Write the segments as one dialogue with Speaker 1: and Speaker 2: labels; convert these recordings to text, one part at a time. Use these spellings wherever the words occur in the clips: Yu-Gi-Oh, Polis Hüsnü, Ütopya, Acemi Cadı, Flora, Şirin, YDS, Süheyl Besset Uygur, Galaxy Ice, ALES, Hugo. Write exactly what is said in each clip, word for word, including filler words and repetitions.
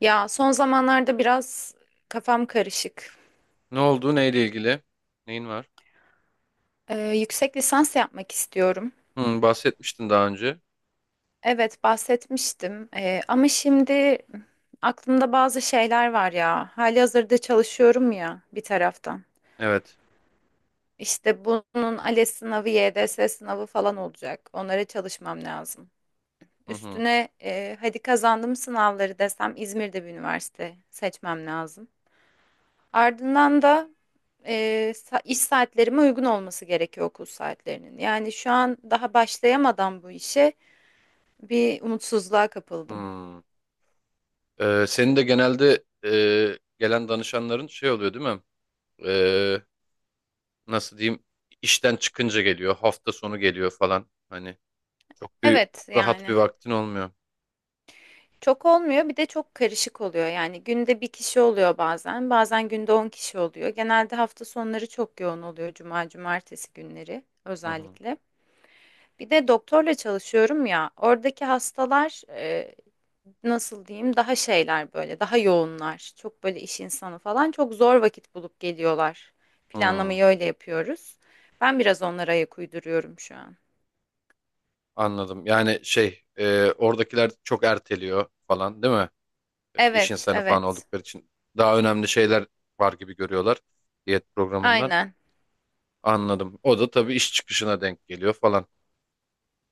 Speaker 1: Ya son zamanlarda biraz kafam karışık.
Speaker 2: Ne oldu? Neyle ilgili? Neyin var?
Speaker 1: Ee, yüksek lisans yapmak istiyorum.
Speaker 2: Hı, bahsetmiştin daha önce.
Speaker 1: Evet bahsetmiştim. Ee, ama şimdi aklımda bazı şeyler var ya. Halihazırda çalışıyorum ya bir taraftan.
Speaker 2: Evet.
Speaker 1: İşte bunun ALES sınavı, Y D S sınavı falan olacak. Onlara çalışmam lazım.
Speaker 2: Hı hı.
Speaker 1: Üstüne e, hadi kazandım sınavları desem İzmir'de bir üniversite seçmem lazım. Ardından da e, sa- iş saatlerime uygun olması gerekiyor okul saatlerinin. Yani şu an daha başlayamadan bu işe bir umutsuzluğa kapıldım.
Speaker 2: Hı. Ee, senin de genelde e, gelen danışanların şey oluyor değil mi? Ee, nasıl diyeyim? İşten çıkınca geliyor. Hafta sonu geliyor falan. Hani çok bir
Speaker 1: Evet
Speaker 2: rahat bir
Speaker 1: yani
Speaker 2: vaktin olmuyor.
Speaker 1: çok olmuyor, bir de çok karışık oluyor. Yani günde bir kişi oluyor, bazen bazen günde on kişi oluyor. Genelde hafta sonları çok yoğun oluyor, cuma cumartesi günleri
Speaker 2: Hı hı.
Speaker 1: özellikle. Bir de doktorla çalışıyorum ya, oradaki hastalar, e, nasıl diyeyim, daha şeyler böyle, daha yoğunlar. Çok böyle iş insanı falan, çok zor vakit bulup geliyorlar.
Speaker 2: Hı.
Speaker 1: Planlamayı öyle yapıyoruz. Ben biraz onlara ayak uyduruyorum şu an.
Speaker 2: Anladım. Yani şey e, oradakiler çok erteliyor falan değil mi? İş
Speaker 1: Evet,
Speaker 2: insanı falan
Speaker 1: evet.
Speaker 2: oldukları için daha önemli şeyler var gibi görüyorlar diyet programından.
Speaker 1: Aynen.
Speaker 2: Anladım. O da tabii iş çıkışına denk geliyor falan.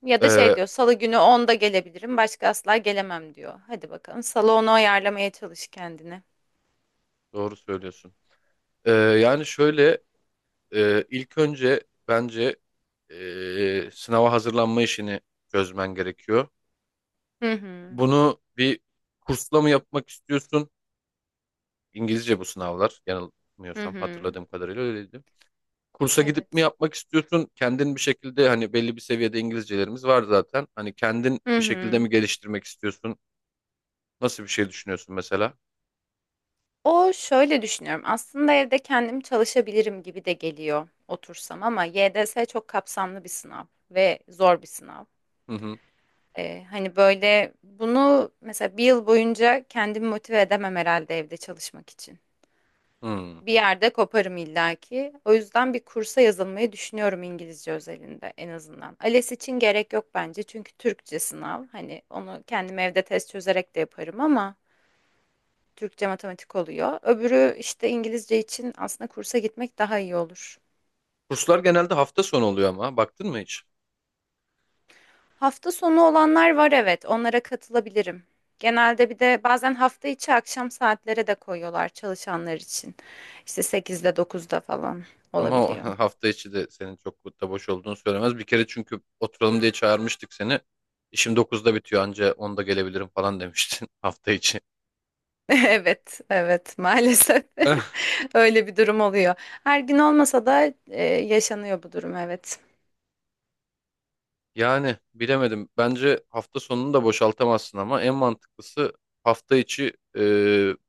Speaker 1: Ya da şey
Speaker 2: Ee,
Speaker 1: diyor, salı günü onda gelebilirim, başka asla gelemem diyor. Hadi bakalım, salı onu ayarlamaya çalış kendine.
Speaker 2: doğru söylüyorsun. Ee, yani şöyle e, ilk önce bence e, sınava hazırlanma işini çözmen gerekiyor.
Speaker 1: Hı hı.
Speaker 2: Bunu bir kursla mı yapmak istiyorsun? İngilizce bu sınavlar.
Speaker 1: Hı
Speaker 2: Yanılmıyorsam
Speaker 1: hı.
Speaker 2: hatırladığım kadarıyla öyleydi. Kursa gidip mi
Speaker 1: Evet.
Speaker 2: yapmak istiyorsun? Kendin bir şekilde hani belli bir seviyede İngilizcelerimiz var zaten. Hani kendin
Speaker 1: Hı
Speaker 2: bir şekilde
Speaker 1: hı.
Speaker 2: mi geliştirmek istiyorsun? Nasıl bir şey düşünüyorsun mesela?
Speaker 1: O şöyle düşünüyorum. Aslında evde kendim çalışabilirim gibi de geliyor otursam, ama Y D S çok kapsamlı bir sınav ve zor bir sınav.
Speaker 2: Hı hı.
Speaker 1: Ee, hani böyle bunu mesela bir yıl boyunca kendimi motive edemem herhalde evde çalışmak için.
Speaker 2: Hı.
Speaker 1: Bir yerde koparım illaki. O yüzden bir kursa yazılmayı düşünüyorum, İngilizce özelinde en azından. ALES için gerek yok bence çünkü Türkçe sınav. Hani onu kendim evde test çözerek de yaparım ama Türkçe matematik oluyor. Öbürü işte, İngilizce için aslında kursa gitmek daha iyi olur.
Speaker 2: Kurslar genelde hafta sonu oluyor ama baktın mı hiç?
Speaker 1: Hafta sonu olanlar var evet, onlara katılabilirim. Genelde bir de bazen hafta içi akşam saatlere de koyuyorlar çalışanlar için. İşte sekizde dokuzda falan
Speaker 2: Ama o
Speaker 1: olabiliyor.
Speaker 2: hafta içi de senin çok da boş olduğunu söylemez. Bir kere çünkü oturalım diye çağırmıştık seni. İşim dokuzda bitiyor anca onda gelebilirim falan demiştin hafta içi.
Speaker 1: Evet, evet maalesef.
Speaker 2: Eh,
Speaker 1: Öyle bir durum oluyor. Her gün olmasa da e, yaşanıyor bu durum, evet.
Speaker 2: yani bilemedim. Bence hafta sonunu da boşaltamazsın ama en mantıklısı hafta içi e,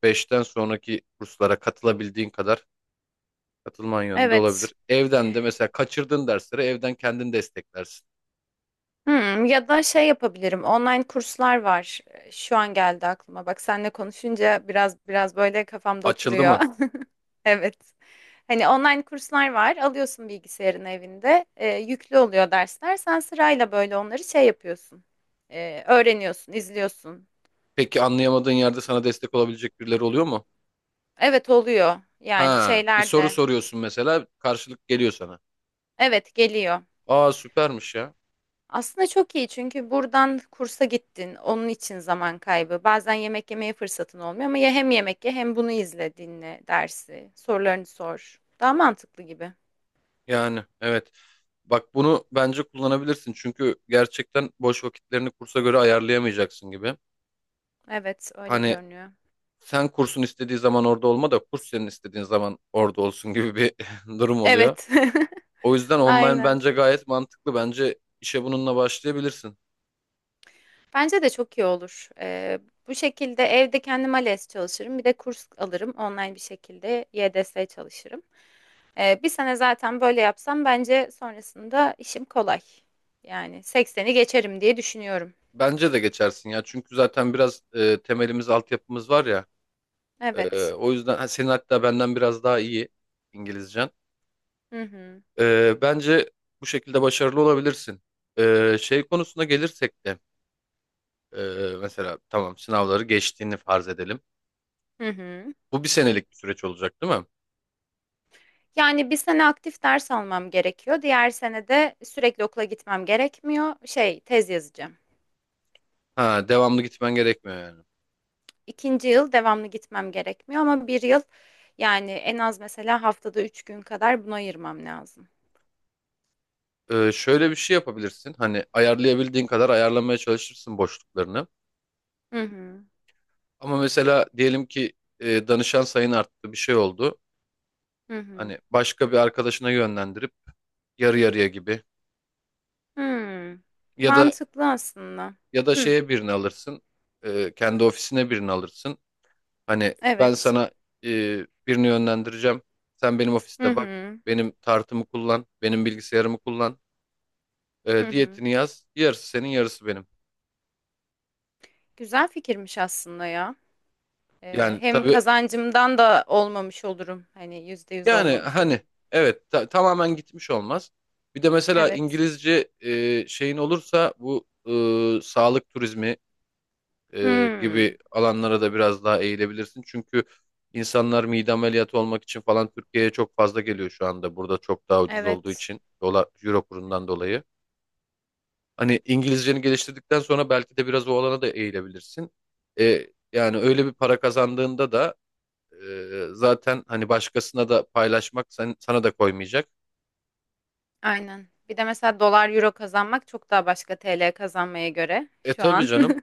Speaker 2: beşten sonraki kurslara katılabildiğin kadar katılman yönünde
Speaker 1: Evet.
Speaker 2: olabilir. Evden de mesela kaçırdığın dersleri evden kendin desteklersin.
Speaker 1: Hmm, ya da şey yapabilirim. Online kurslar var. Ee, Şu an geldi aklıma. Bak seninle konuşunca biraz biraz böyle kafamda
Speaker 2: Açıldı
Speaker 1: oturuyor.
Speaker 2: mı?
Speaker 1: Evet. Hani online kurslar var. Alıyorsun bilgisayarın evinde. Ee, yüklü oluyor dersler. Sen sırayla böyle onları şey yapıyorsun. Ee, öğreniyorsun, izliyorsun.
Speaker 2: Peki anlayamadığın yerde sana destek olabilecek birileri oluyor mu?
Speaker 1: Evet oluyor. Yani
Speaker 2: Ha, bir
Speaker 1: şeyler
Speaker 2: soru
Speaker 1: de.
Speaker 2: soruyorsun mesela karşılık geliyor sana.
Speaker 1: Evet geliyor.
Speaker 2: Aa süpermiş ya.
Speaker 1: Aslında çok iyi, çünkü buradan kursa gittin. Onun için zaman kaybı. Bazen yemek yemeye fırsatın olmuyor, ama ya hem yemek ye hem bunu izle, dinle dersi. Sorularını sor. Daha mantıklı gibi.
Speaker 2: Yani evet. Bak bunu bence kullanabilirsin çünkü gerçekten boş vakitlerini kursa göre ayarlayamayacaksın gibi.
Speaker 1: Evet, öyle
Speaker 2: Hani
Speaker 1: görünüyor.
Speaker 2: sen kursun istediği zaman orada olma da kurs senin istediğin zaman orada olsun gibi bir durum oluyor.
Speaker 1: Evet.
Speaker 2: O yüzden online
Speaker 1: Aynen.
Speaker 2: bence gayet mantıklı. Bence işe bununla başlayabilirsin.
Speaker 1: Bence de çok iyi olur. Ee, bu şekilde evde kendim ALES çalışırım. Bir de kurs alırım. Online bir şekilde Y D S çalışırım. Ee, bir sene zaten böyle yapsam bence sonrasında işim kolay. Yani sekseni geçerim diye düşünüyorum.
Speaker 2: Bence de geçersin ya çünkü zaten biraz e, temelimiz, altyapımız var ya. Ee,
Speaker 1: Evet.
Speaker 2: o yüzden ha, senin hatta benden biraz daha iyi İngilizcen.
Speaker 1: Hı hı.
Speaker 2: Ee, bence bu şekilde başarılı olabilirsin. Ee, şey konusuna gelirsek de e, mesela tamam sınavları geçtiğini farz edelim.
Speaker 1: Hı hı.
Speaker 2: Bu bir senelik bir süreç olacak değil mi?
Speaker 1: Yani bir sene aktif ders almam gerekiyor. Diğer sene de sürekli okula gitmem gerekmiyor. Şey, tez yazacağım.
Speaker 2: Ha, devamlı gitmen gerekmiyor yani.
Speaker 1: İkinci yıl devamlı gitmem gerekmiyor, ama bir yıl yani en az mesela haftada üç gün kadar buna ayırmam lazım.
Speaker 2: Ee, şöyle bir şey yapabilirsin. Hani ayarlayabildiğin kadar ayarlamaya çalışırsın boşluklarını.
Speaker 1: Hı hı.
Speaker 2: Ama mesela diyelim ki e, danışan sayın arttı bir şey oldu.
Speaker 1: Hı hı.
Speaker 2: Hani başka bir arkadaşına yönlendirip yarı yarıya gibi.
Speaker 1: Hı.
Speaker 2: Ya da
Speaker 1: Mantıklı aslında.
Speaker 2: Ya da
Speaker 1: Hı.
Speaker 2: şeye birini alırsın. e, kendi ofisine birini alırsın. Hani ben
Speaker 1: Evet.
Speaker 2: sana e, birini yönlendireceğim. Sen benim
Speaker 1: Hı
Speaker 2: ofiste bak.
Speaker 1: hı.
Speaker 2: Benim tartımı kullan. Benim bilgisayarımı kullan.
Speaker 1: Hı
Speaker 2: e,
Speaker 1: hı.
Speaker 2: diyetini yaz. Yarısı senin yarısı benim.
Speaker 1: Güzel fikirmiş aslında ya. Ee,
Speaker 2: Yani
Speaker 1: hem
Speaker 2: tabii
Speaker 1: kazancımdan da olmamış olurum. Hani yüzde yüz
Speaker 2: yani
Speaker 1: olmamış
Speaker 2: hani
Speaker 1: olurum.
Speaker 2: evet ta- tamamen gitmiş olmaz. Bir de mesela
Speaker 1: Evet.
Speaker 2: İngilizce e, şeyin olursa bu e, sağlık turizmi e,
Speaker 1: Hmm.
Speaker 2: gibi alanlara da biraz daha eğilebilirsin. Çünkü insanlar mide ameliyatı olmak için falan Türkiye'ye çok fazla geliyor şu anda. Burada çok daha ucuz olduğu
Speaker 1: Evet.
Speaker 2: için dolar, euro kurundan
Speaker 1: Evet.
Speaker 2: dolayı. Hani İngilizceni geliştirdikten sonra belki de biraz o alana da eğilebilirsin. E, yani öyle bir para kazandığında da e, zaten hani başkasına da paylaşmak sen, sana da koymayacak.
Speaker 1: Aynen. Bir de mesela dolar euro kazanmak çok daha başka, T L kazanmaya göre
Speaker 2: E
Speaker 1: şu
Speaker 2: tabii
Speaker 1: an.
Speaker 2: canım.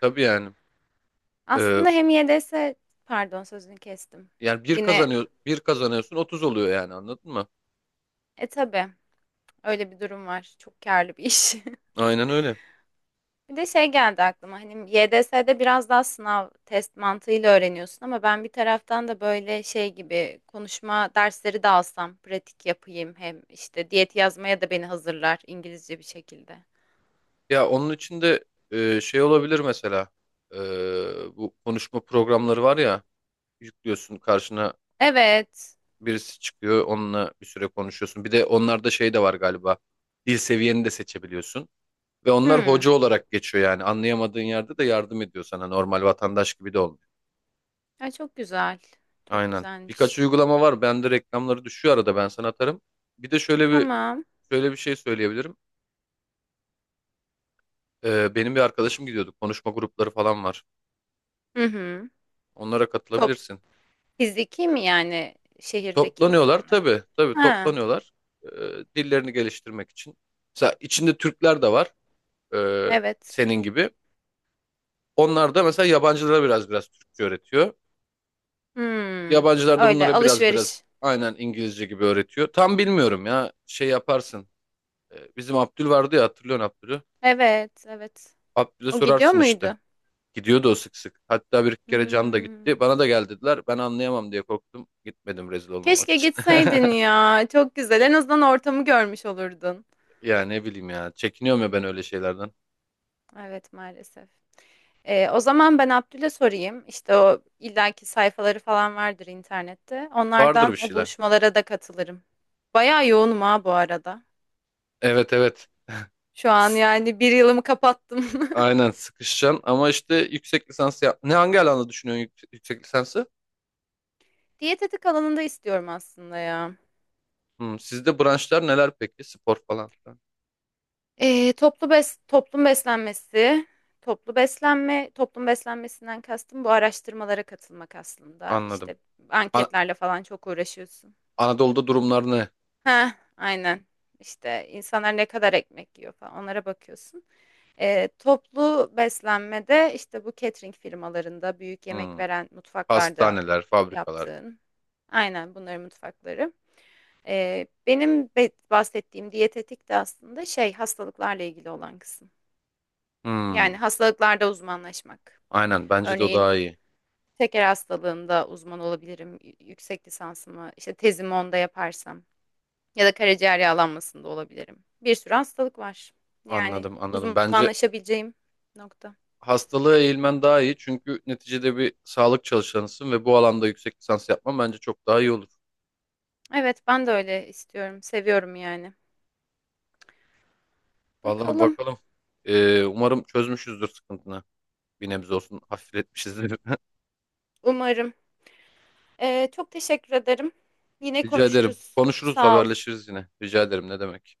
Speaker 2: Tabii yani. E,
Speaker 1: Aslında hem Y D S, pardon sözünü kestim.
Speaker 2: yani bir
Speaker 1: Yine
Speaker 2: kazanıyor, bir kazanıyorsun otuz oluyor yani anladın mı?
Speaker 1: e tabii öyle bir durum var. Çok karlı bir iş.
Speaker 2: Aynen öyle.
Speaker 1: Bir de şey geldi aklıma. Hani Y D S'de biraz daha sınav test mantığıyla öğreniyorsun, ama ben bir taraftan da böyle şey gibi konuşma dersleri de alsam, pratik yapayım, hem işte diyet yazmaya da beni hazırlar İngilizce bir şekilde.
Speaker 2: Ya onun için de e, şey olabilir mesela. E, bu konuşma programları var ya yüklüyorsun karşına
Speaker 1: Evet.
Speaker 2: birisi çıkıyor onunla bir süre konuşuyorsun. Bir de onlarda şey de var galiba dil seviyeni de seçebiliyorsun. Ve onlar hoca
Speaker 1: Hmm.
Speaker 2: olarak geçiyor yani anlayamadığın yerde de yardım ediyor sana normal vatandaş gibi de olmuyor.
Speaker 1: Ay çok güzel. Çok
Speaker 2: Aynen. Birkaç
Speaker 1: güzelmiş.
Speaker 2: uygulama var. Bende reklamları düşüyor arada ben sana atarım. Bir de şöyle bir
Speaker 1: Tamam.
Speaker 2: şöyle bir şey söyleyebilirim. E, benim bir arkadaşım gidiyordu. Konuşma grupları falan var.
Speaker 1: Hı hı.
Speaker 2: Onlara
Speaker 1: Top,
Speaker 2: katılabilirsin.
Speaker 1: fiziki mi yani, şehirdeki
Speaker 2: Toplanıyorlar
Speaker 1: insanların?
Speaker 2: tabii tabii
Speaker 1: Ha,
Speaker 2: toplanıyorlar. Ee, dillerini geliştirmek için. Mesela içinde Türkler de var, ee,
Speaker 1: evet.
Speaker 2: senin gibi. Onlar da mesela yabancılara biraz biraz Türkçe öğretiyor.
Speaker 1: Hmm,
Speaker 2: Yabancılar da
Speaker 1: öyle
Speaker 2: bunlara biraz biraz
Speaker 1: alışveriş.
Speaker 2: aynen İngilizce gibi öğretiyor. Tam bilmiyorum ya şey yaparsın. Ee, bizim Abdül vardı ya, hatırlıyorsun Abdül'ü.
Speaker 1: Evet, evet.
Speaker 2: Abdül'e
Speaker 1: O gidiyor
Speaker 2: sorarsın işte.
Speaker 1: muydu?
Speaker 2: Gidiyordu o sık sık. Hatta bir kere Can da
Speaker 1: Hmm.
Speaker 2: gitti. Bana da gel dediler. Ben anlayamam diye korktum. Gitmedim rezil olmamak
Speaker 1: Keşke
Speaker 2: için.
Speaker 1: gitseydin ya. Çok güzel. En azından ortamı görmüş olurdun.
Speaker 2: Ya ne bileyim ya. Çekiniyorum ya ben öyle şeylerden.
Speaker 1: Evet, maalesef. Ee, o zaman ben Abdül'e sorayım. İşte o illaki sayfaları falan vardır internette.
Speaker 2: Vardır bir
Speaker 1: Onlardan o
Speaker 2: şeyler.
Speaker 1: buluşmalara da katılırım. Bayağı yoğunum ha bu arada.
Speaker 2: Evet evet.
Speaker 1: Şu an
Speaker 2: S-
Speaker 1: yani bir yılımı kapattım.
Speaker 2: Aynen sıkışacaksın ama işte yüksek lisans yap. Ne hangi alanda düşünüyorsun yük- yüksek lisansı?
Speaker 1: Diyetetik alanında istiyorum aslında ya.
Speaker 2: Hmm, sizde branşlar neler peki? Spor falan filan.
Speaker 1: Ee, toplu bes toplum beslenmesi, toplu beslenme, toplum beslenmesinden kastım bu araştırmalara katılmak aslında.
Speaker 2: Anladım.
Speaker 1: İşte
Speaker 2: An-
Speaker 1: anketlerle falan çok uğraşıyorsun.
Speaker 2: Anadolu'da durumlar ne?
Speaker 1: Ha, aynen. İşte insanlar ne kadar ekmek yiyor falan, onlara bakıyorsun. Ee, toplu beslenmede işte bu catering firmalarında büyük yemek
Speaker 2: Hmm,
Speaker 1: veren mutfaklarda
Speaker 2: hastaneler, fabrikalar.
Speaker 1: yaptığın. Aynen, bunların mutfakları. Ee, benim be- bahsettiğim diyetetik de aslında şey, hastalıklarla ilgili olan kısım. Yani
Speaker 2: Hmm,
Speaker 1: hastalıklarda uzmanlaşmak.
Speaker 2: aynen, bence de o
Speaker 1: Örneğin
Speaker 2: daha iyi.
Speaker 1: şeker hastalığında uzman olabilirim, y- yüksek lisansımı işte tezimi onda yaparsam. Ya da karaciğer yağlanmasında olabilirim. Bir sürü hastalık var. Yani
Speaker 2: Anladım anladım. Bence
Speaker 1: uzmanlaşabileceğim nokta.
Speaker 2: hastalığa eğilmen daha iyi çünkü neticede bir sağlık çalışanısın ve bu alanda yüksek lisans yapman bence çok daha iyi olur.
Speaker 1: Evet, ben de öyle istiyorum. Seviyorum yani.
Speaker 2: Vallahi
Speaker 1: Bakalım.
Speaker 2: bakalım. Ee, umarım çözmüşüzdür sıkıntını. Bir nebze olsun hafifletmişizdir.
Speaker 1: Umarım. Ee, çok teşekkür ederim. Yine
Speaker 2: Rica ederim.
Speaker 1: konuşuruz.
Speaker 2: Konuşuruz,
Speaker 1: Sağ ol.
Speaker 2: haberleşiriz yine. Rica ederim. Ne demek?